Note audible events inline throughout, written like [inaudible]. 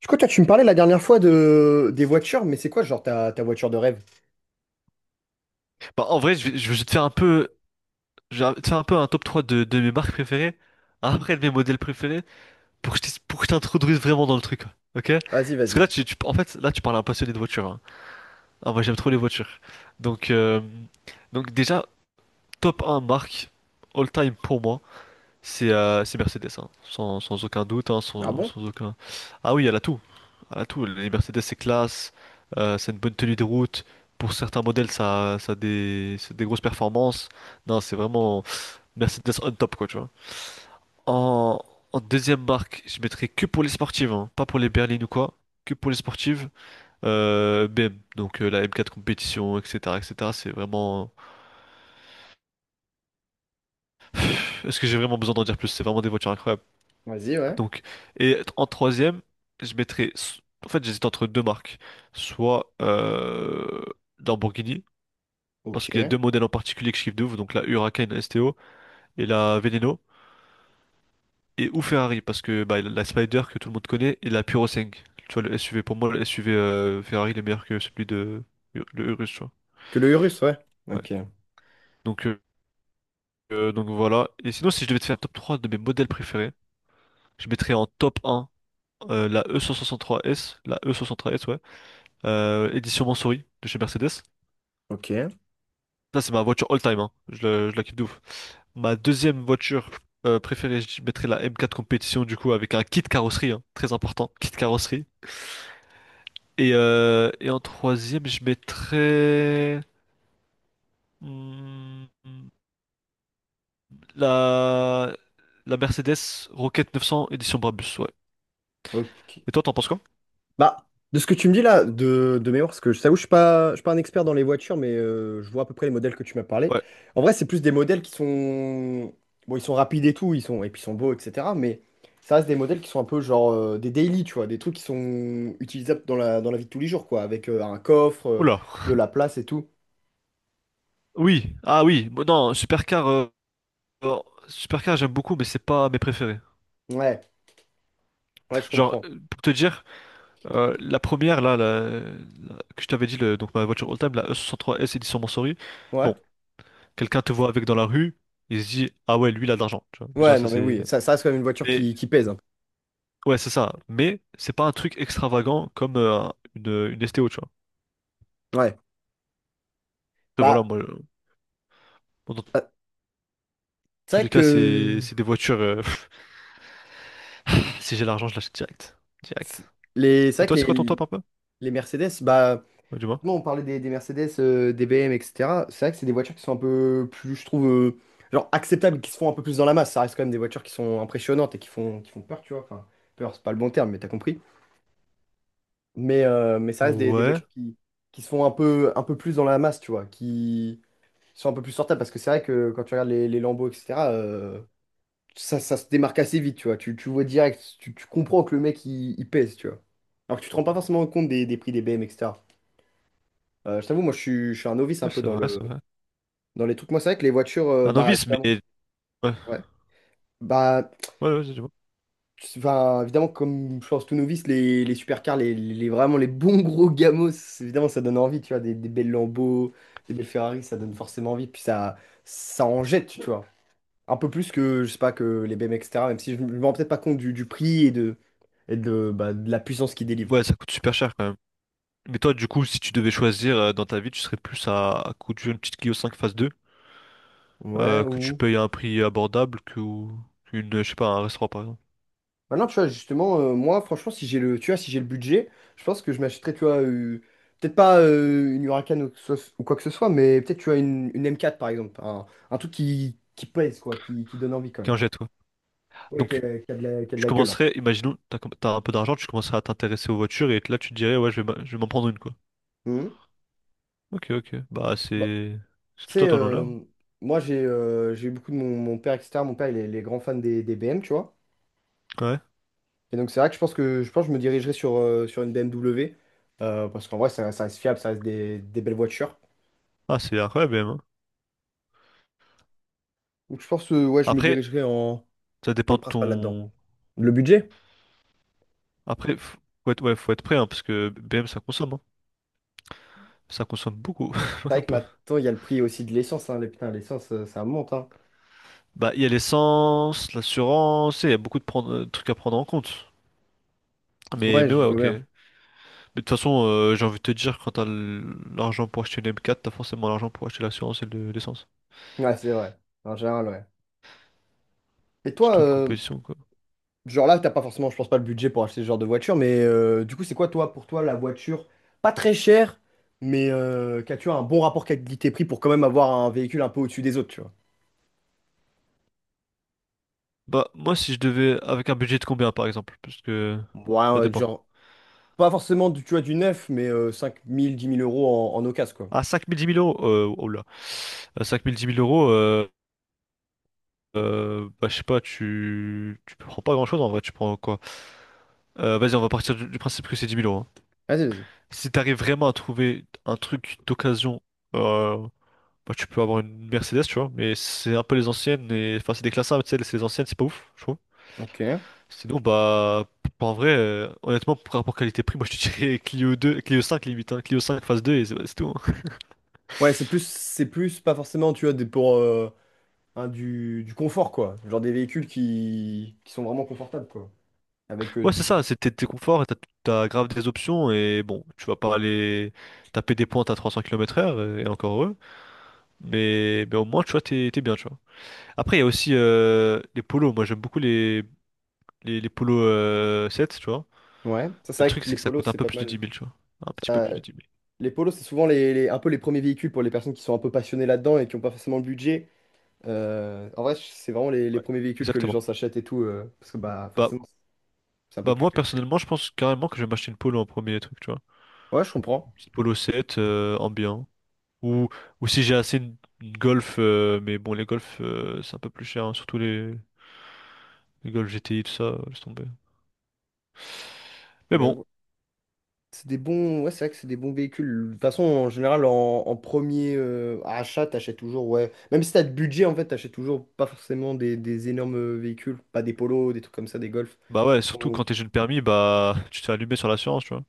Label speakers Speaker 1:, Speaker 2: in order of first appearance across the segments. Speaker 1: Du coup, toi, tu me parlais la dernière fois de des voitures, mais c'est quoi, genre, ta voiture de rêve?
Speaker 2: Bah, en vrai, je vais te faire un peu un top 3 de mes marques préférées, après de mes modèles préférés, pour que pour que je t'introduise vraiment dans le truc, ok?
Speaker 1: Vas-y,
Speaker 2: Parce que là,
Speaker 1: vas-y.
Speaker 2: en fait, là, tu parles à un passionné de voiture, hein. Ah, moi, j'aime trop les voitures. Donc, euh, donc, déjà, top un marque, all time pour moi. C'est Mercedes, hein. Sans aucun doute, hein,
Speaker 1: Ah
Speaker 2: sans,
Speaker 1: bon?
Speaker 2: sans aucun. Ah oui, elle a tout. Elle a tout. Les Mercedes, c'est classe, c'est une bonne tenue de route. Pour certains modèles, c'est des grosses performances. Non, c'est vraiment Mercedes on top, quoi, tu vois. En, en deuxième marque, je mettrais que pour les sportives, hein, pas pour les berlines ou quoi. Que pour les sportives. BM, donc la M4 compétition, etc., etc. C'est vraiment. [sighs] Est-ce que j'ai vraiment besoin d'en dire plus? C'est vraiment des voitures incroyables.
Speaker 1: Vas-y, ouais.
Speaker 2: Donc, et en troisième, je mettrais. En fait, j'hésite entre deux marques. Soit Lamborghini, parce
Speaker 1: Ok.
Speaker 2: qu'il y a deux modèles en particulier que je kiffe de ouf, donc la Huracan STO et la Veneno. Et ou Ferrari, parce que bah, la Spider que tout le monde connaît et la Puro 5. Tu vois, le SUV, pour moi, le SUV Ferrari, il est meilleur que celui de le Urus, tu vois.
Speaker 1: Que le Urus, ouais.
Speaker 2: Ouais.
Speaker 1: Ok.
Speaker 2: Donc, euh, donc voilà. Et sinon, si je devais te faire un top 3 de mes modèles préférés, je mettrais en top un la e trois s, ouais. Édition Montsouris de chez Mercedes.
Speaker 1: Ok.
Speaker 2: Ça, c'est ma voiture all-time, hein. Je la kiffe de ouf. Ma deuxième voiture préférée, je mettrais la M4 Compétition, du coup, avec un kit carrosserie, hein, très important, kit carrosserie. Et en troisième, je mettrais hmm, la, la Mercedes Rocket 900 édition Brabus, ouais.
Speaker 1: Ok.
Speaker 2: Et toi, t'en penses quoi?
Speaker 1: Bah, de ce que tu me dis là, de mémoire, parce que je t'avoue, je suis pas un expert dans les voitures, mais je vois à peu près les modèles que tu m'as parlé.
Speaker 2: Ouais.
Speaker 1: En vrai, c'est plus des modèles qui sont. Bon, ils sont rapides et tout, et puis ils sont beaux, etc. Mais ça reste des modèles qui sont un peu genre des daily, tu vois, des trucs qui sont utilisables dans la vie de tous les jours, quoi, avec un coffre,
Speaker 2: Oula.
Speaker 1: de la place et tout.
Speaker 2: Oui, ah oui, bon, non, alors, Supercar j'aime beaucoup, mais c'est pas mes préférés.
Speaker 1: Ouais, ouais, je
Speaker 2: Genre,
Speaker 1: comprends.
Speaker 2: pour te dire, la première, là, que je t'avais dit, donc ma voiture all-time, la E63S édition Mansory.
Speaker 1: Ouais.
Speaker 2: Bon, quelqu'un te voit avec dans la rue, il se dit, ah ouais, lui, il a de l'argent, tu vois. Déjà,
Speaker 1: Ouais, non,
Speaker 2: ça
Speaker 1: mais
Speaker 2: c'est.
Speaker 1: oui, ça reste quand même une voiture
Speaker 2: Mais,
Speaker 1: qui pèse, hein.
Speaker 2: ouais, c'est ça. Mais, c'est pas un truc extravagant comme une, une STO, tu vois.
Speaker 1: Ouais.
Speaker 2: Après, voilà,
Speaker 1: Bah,
Speaker 2: moi, bon, dans
Speaker 1: euh, c'est
Speaker 2: tous
Speaker 1: vrai
Speaker 2: les cas,
Speaker 1: que
Speaker 2: c'est des voitures. [laughs] Si j'ai l'argent, je l'achète direct.
Speaker 1: c'est-
Speaker 2: Direct.
Speaker 1: c'est
Speaker 2: Et
Speaker 1: vrai
Speaker 2: toi, c'est
Speaker 1: que
Speaker 2: quoi ton
Speaker 1: les,
Speaker 2: top un peu?
Speaker 1: les Mercedes, bah,
Speaker 2: Ouais, dis-moi.
Speaker 1: nous, on parlait des Mercedes, des BM, etc. C'est vrai que c'est des voitures qui sont un peu plus, je trouve, genre acceptables, qui se font un peu plus dans la masse. Ça reste quand même des voitures qui sont impressionnantes et qui font peur, tu vois. Enfin, peur, c'est pas le bon terme, mais t'as compris. Mais ça reste des
Speaker 2: Ouais,
Speaker 1: voitures qui se font un peu plus dans la masse, tu vois. Qui sont un peu plus sortables parce que c'est vrai que quand tu regardes les Lambeaux, etc., ça, ça se démarque assez vite, tu vois. Tu vois direct, tu comprends que le mec il pèse, tu vois. Alors que tu te rends pas forcément compte des prix des BM, etc. Je t'avoue, moi je suis un novice un
Speaker 2: ouais,
Speaker 1: peu
Speaker 2: c'est
Speaker 1: dans
Speaker 2: vrai,
Speaker 1: le,
Speaker 2: c'est vrai.
Speaker 1: dans les trucs. Moi, c'est vrai que les voitures,
Speaker 2: Un
Speaker 1: bah
Speaker 2: novice,
Speaker 1: évidemment,
Speaker 2: mais. Ouais,
Speaker 1: ouais. Bah,
Speaker 2: ouais, ouais, dis-moi.
Speaker 1: enfin, évidemment, comme je pense tout novice, les supercars, vraiment les bons gros gamos, évidemment, ça donne envie, tu vois. Des belles Lambeaux, des belles Ferrari, ça donne forcément envie. Puis ça en jette, tu vois, un peu plus que, je sais pas, que les BM, etc. Même si je me rends peut-être pas compte du prix et de bah, de la puissance qu'ils délivrent.
Speaker 2: Ouais, ça coûte super cher quand même. Mais toi, du coup, si tu devais choisir dans ta vie, tu serais plus à coup d'une petite Clio 5 phase 2,
Speaker 1: Ouais,
Speaker 2: que tu
Speaker 1: ou...
Speaker 2: payes à un prix abordable ou qu'une, je sais pas, un restaurant par exemple,
Speaker 1: Maintenant, tu vois, justement, moi, franchement, si j'ai le, tu vois, si j'ai le budget, je pense que je m'achèterais, tu vois, peut-être pas une Huracan ou, ou quoi que ce soit, mais peut-être, tu vois, une M4, par exemple. Un truc qui pèse, quoi, qui donne envie, quand même.
Speaker 2: qu'un jet, quoi.
Speaker 1: Ouais,
Speaker 2: Donc,
Speaker 1: qui a de
Speaker 2: tu
Speaker 1: la gueule, hein.
Speaker 2: commencerais, imaginons, t'as un peu d'argent, tu commencerais à t'intéresser aux voitures et là, tu te dirais, ouais, je vais m'en prendre une, quoi.
Speaker 1: Mhm.
Speaker 2: Ok, ok. Bah,
Speaker 1: Bah,
Speaker 2: c'est
Speaker 1: tu
Speaker 2: tout
Speaker 1: sais,
Speaker 2: à ton honneur.
Speaker 1: moi, j'ai eu beaucoup de mon père, etc. Mon père, il est grand fan des BM, tu vois.
Speaker 2: Ouais.
Speaker 1: Et donc c'est vrai que je pense que je me dirigerai sur, sur une BMW parce qu'en vrai ça, ça reste fiable, ça reste des belles voitures.
Speaker 2: Ah, c'est incroyable, BM, hein.
Speaker 1: Donc je pense que ouais, je me
Speaker 2: Après,
Speaker 1: dirigerai en
Speaker 2: ça
Speaker 1: dans
Speaker 2: dépend
Speaker 1: le
Speaker 2: de
Speaker 1: principal là-dedans.
Speaker 2: ton.
Speaker 1: Le budget?
Speaker 2: Après, faut être, ouais, faut être prêt, hein, parce que BM, ça consomme, hein. Ça consomme beaucoup.
Speaker 1: C'est vrai que
Speaker 2: [laughs]
Speaker 1: maintenant il y a le prix aussi de l'essence, hein. Putain, l'essence ça monte, hein.
Speaker 2: Bah, il y a l'essence, l'assurance, et il y a beaucoup de trucs à prendre en compte. Mais,
Speaker 1: Ouais,
Speaker 2: mais
Speaker 1: je
Speaker 2: ouais,
Speaker 1: vois
Speaker 2: ok.
Speaker 1: bien.
Speaker 2: Mais de toute façon, j'ai envie de te dire, quand t'as l'argent pour acheter une M4, t'as forcément l'argent pour acheter l'assurance et l'essence.
Speaker 1: Ouais, c'est vrai. En général, ouais. Et toi,
Speaker 2: Surtout une compétition, quoi.
Speaker 1: genre là, t'as pas forcément, je pense pas, le budget pour acheter ce genre de voiture, mais du coup, c'est quoi, toi, pour toi, la voiture pas très chère, mais qu'as-tu un bon rapport qualité-prix pour quand même avoir un véhicule un peu au-dessus des autres, tu vois?
Speaker 2: Bah, moi, si je devais, avec un budget de combien, par exemple? Parce que
Speaker 1: Ouais,
Speaker 2: ça dépend.
Speaker 1: genre pas forcément du, tu vois, du neuf, mais 5 000 10 000 euros en occasion, quoi.
Speaker 2: À 5 000 10 000 euros, oh là. À cinq mille dix mille euros, bah, je sais pas, tu prends pas grand-chose en vrai, tu prends quoi? Vas-y, on va partir du principe que c'est 10 000 euros, hein.
Speaker 1: Vas-y, vas-y.
Speaker 2: Si t'arrives vraiment à trouver un truc d'occasion, euh, bah, tu peux avoir une Mercedes, tu vois, mais c'est un peu les anciennes, et enfin, c'est des classes A, mais tu sais, c'est les anciennes, c'est pas ouf, je trouve.
Speaker 1: Ok.
Speaker 2: Sinon, bah, en vrai, honnêtement, par rapport qualité-prix, [laughs] moi je te dirais Clio 2, Clio 5 limite, hein, Clio 5 phase 2, et c'est tout, hein.
Speaker 1: Ouais, c'est plus, pas forcément, tu vois, des, pour un, du confort, quoi. Genre des véhicules qui sont vraiment confortables, quoi. Avec.
Speaker 2: Ouais, c'est ça, c'est t'es conforts et t'as grave des options, et bon, tu vas pas aller taper des pointes à 300 km/h, et encore heureux, mais au moins, tu vois, t'es bien, tu vois. Après, il y a aussi les polos. Moi, j'aime beaucoup les polos 7, tu vois.
Speaker 1: Ouais, ça, c'est
Speaker 2: Mais le
Speaker 1: vrai
Speaker 2: truc,
Speaker 1: que
Speaker 2: c'est
Speaker 1: les
Speaker 2: que ça
Speaker 1: polos,
Speaker 2: coûte un
Speaker 1: c'est
Speaker 2: peu
Speaker 1: pas
Speaker 2: plus de dix
Speaker 1: mal.
Speaker 2: mille tu vois. Un petit peu
Speaker 1: Ça,
Speaker 2: plus de dix mille.
Speaker 1: les polos, c'est souvent un peu les premiers véhicules pour les personnes qui sont un peu passionnées là-dedans et qui n'ont pas forcément le budget. En vrai, c'est vraiment les
Speaker 2: Ouais.
Speaker 1: premiers véhicules que les
Speaker 2: Exactement.
Speaker 1: gens s'achètent et tout, parce que bah
Speaker 2: Bah,
Speaker 1: forcément, c'est un peu
Speaker 2: bah,
Speaker 1: plus
Speaker 2: moi,
Speaker 1: qualité.
Speaker 2: personnellement, je pense carrément que je vais m'acheter une polo en premier truc, tu vois.
Speaker 1: Ouais, je comprends.
Speaker 2: Une petite polo 7, ambiant. Ou, ou, si j'ai assez une Golf, mais bon, les Golf, c'est un peu plus cher, hein, surtout les Golf GTI, tout ça, laisse tomber. Mais
Speaker 1: Mais
Speaker 2: bon,
Speaker 1: ouais, c'est des bons, ouais, c'est vrai que c'est des bons véhicules. De toute façon, en général, en premier achat, t'achètes toujours, ouais. Même si t'as de budget, en fait, t'achètes toujours pas forcément des énormes véhicules, pas des polos, des trucs comme ça, des golfs.
Speaker 2: bah ouais, surtout
Speaker 1: Bon,
Speaker 2: quand t'es jeune permis, bah, [laughs] tu te fais allumer sur l'assurance, tu vois.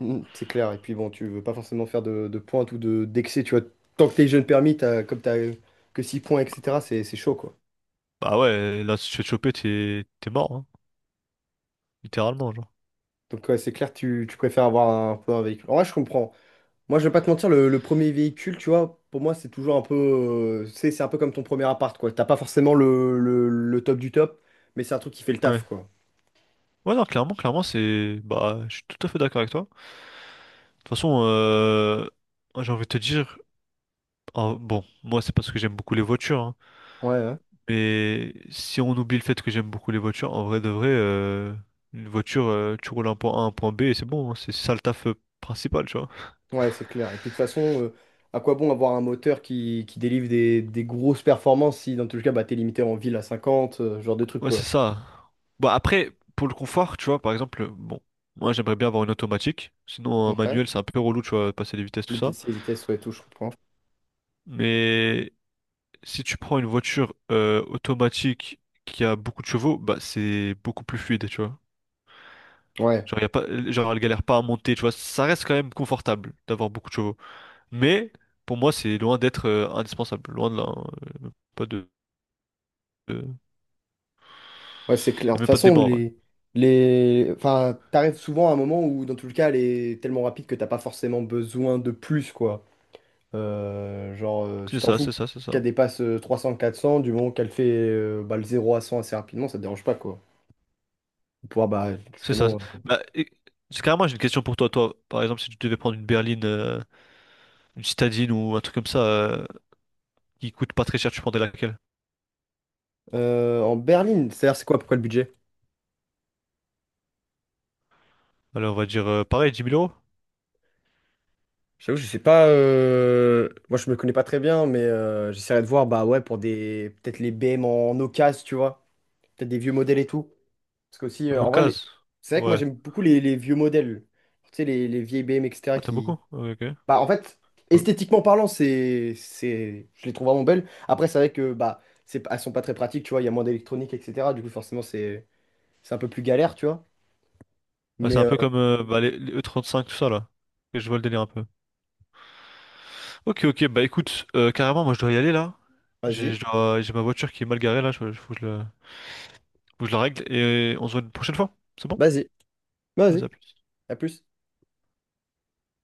Speaker 1: c'est clair. Et puis bon, tu veux pas forcément faire de pointe ou de d'excès, tu vois. Tant que t'es jeune permis, t'as, comme t'as que 6 points, etc., c'est chaud, quoi.
Speaker 2: Bah ouais, là, si tu te fais choper, t'es mort, hein, littéralement, genre.
Speaker 1: Donc ouais, c'est clair, tu préfères avoir un peu un véhicule. En vrai, je comprends. Moi, je vais pas te mentir, le premier véhicule, tu vois, pour moi, c'est toujours un peu. C'est un peu comme ton premier appart, quoi. T'as pas forcément le top du top, mais c'est un truc qui fait le taf,
Speaker 2: Ouais.
Speaker 1: quoi.
Speaker 2: Ouais, non, clairement, clairement, c'est. Bah, je suis tout à fait d'accord avec toi. De toute façon, moi, j'ai envie de te dire. Ah, bon, moi, c'est parce que j'aime beaucoup les voitures, hein,
Speaker 1: Ouais, ouais,
Speaker 2: mais si on oublie le fait que j'aime beaucoup les voitures, en vrai de vrai, une voiture, tu roules un point A, un point B et c'est bon, hein, c'est ça le taf principal, tu vois.
Speaker 1: ouais, c'est clair. Et puis, de toute façon, à quoi bon avoir un moteur qui délivre des grosses performances si, dans tous les cas, bah, t'es limité en ville à 50, ce genre de trucs,
Speaker 2: Ouais, c'est
Speaker 1: quoi.
Speaker 2: ça. Bah, après, pour le confort, tu vois, par exemple, bon, moi, j'aimerais bien avoir une automatique. Sinon, un
Speaker 1: Ouais.
Speaker 2: manuel, c'est un peu relou, tu vois, passer les vitesses, tout
Speaker 1: Les
Speaker 2: ça.
Speaker 1: PC, vitesse, ouais, tout, je comprends.
Speaker 2: Mais. Si tu prends une voiture automatique qui a beaucoup de chevaux, bah c'est beaucoup plus fluide, tu vois.
Speaker 1: Ouais,
Speaker 2: Genre, y a pas, genre elle galère pas à monter, tu vois. Ça reste quand même confortable d'avoir beaucoup de chevaux. Mais pour moi, c'est loin d'être indispensable. Loin de là, hein. Y a même Pas de, de-
Speaker 1: ouais, c'est clair.
Speaker 2: Y
Speaker 1: De
Speaker 2: a
Speaker 1: toute
Speaker 2: même pas de
Speaker 1: façon,
Speaker 2: débat en vrai.
Speaker 1: les. Enfin, t'arrives souvent à un moment où, dans tous les cas, elle est tellement rapide que t'as pas forcément besoin de plus, quoi. Genre,
Speaker 2: C'est
Speaker 1: tu t'en
Speaker 2: ça,
Speaker 1: fous
Speaker 2: c'est ça, c'est ça.
Speaker 1: qu'elle dépasse 300 400 du moment qu'elle fait bah, le 0 à 100 assez rapidement, ça te dérange pas, quoi. Pour pouvoir, bah,
Speaker 2: C'est ça.
Speaker 1: justement. euh,
Speaker 2: Bah, c'est carrément, j'ai une question pour toi. Toi, par exemple, si tu devais prendre une berline, une citadine ou un truc comme ça qui coûte pas très cher, tu prendrais laquelle?
Speaker 1: euh, en berline, c'est-à-dire, c'est quoi, pourquoi le budget?
Speaker 2: Alors, on va dire pareil, dix 000 euros?
Speaker 1: J'avoue, je sais pas. Moi, je me connais pas très bien, mais j'essaierai de voir, bah ouais, pour des. Peut-être les BM en occasion, tu vois. Peut-être des vieux modèles et tout. Parce que, aussi,
Speaker 2: En
Speaker 1: en vrai,
Speaker 2: occasion.
Speaker 1: c'est vrai que moi,
Speaker 2: Ouais.
Speaker 1: j'aime beaucoup les vieux modèles. Tu sais, les vieilles BM, etc.
Speaker 2: Ah, t'aimes beaucoup? Ok, ok.
Speaker 1: Bah, en fait,
Speaker 2: Voilà.
Speaker 1: esthétiquement parlant, je les trouve vraiment belles. Après, c'est vrai que bah, elles sont pas très pratiques, tu vois, il y a moins d'électronique, etc. Du coup, forcément, c'est un peu plus galère, tu vois.
Speaker 2: Ouais, c'est
Speaker 1: Mais
Speaker 2: un peu comme bah, les E35, tout ça, là. Et je vois le délire un peu. Ok, ok, bah écoute, carrément, moi je dois y aller, là.
Speaker 1: vas-y,
Speaker 2: J'ai ma voiture qui est mal garée, là, je, faut que je la règle, et on se voit une prochaine fois. C'est bon?
Speaker 1: vas-y,
Speaker 2: Vas-y,
Speaker 1: vas-y,
Speaker 2: à plus.
Speaker 1: à plus.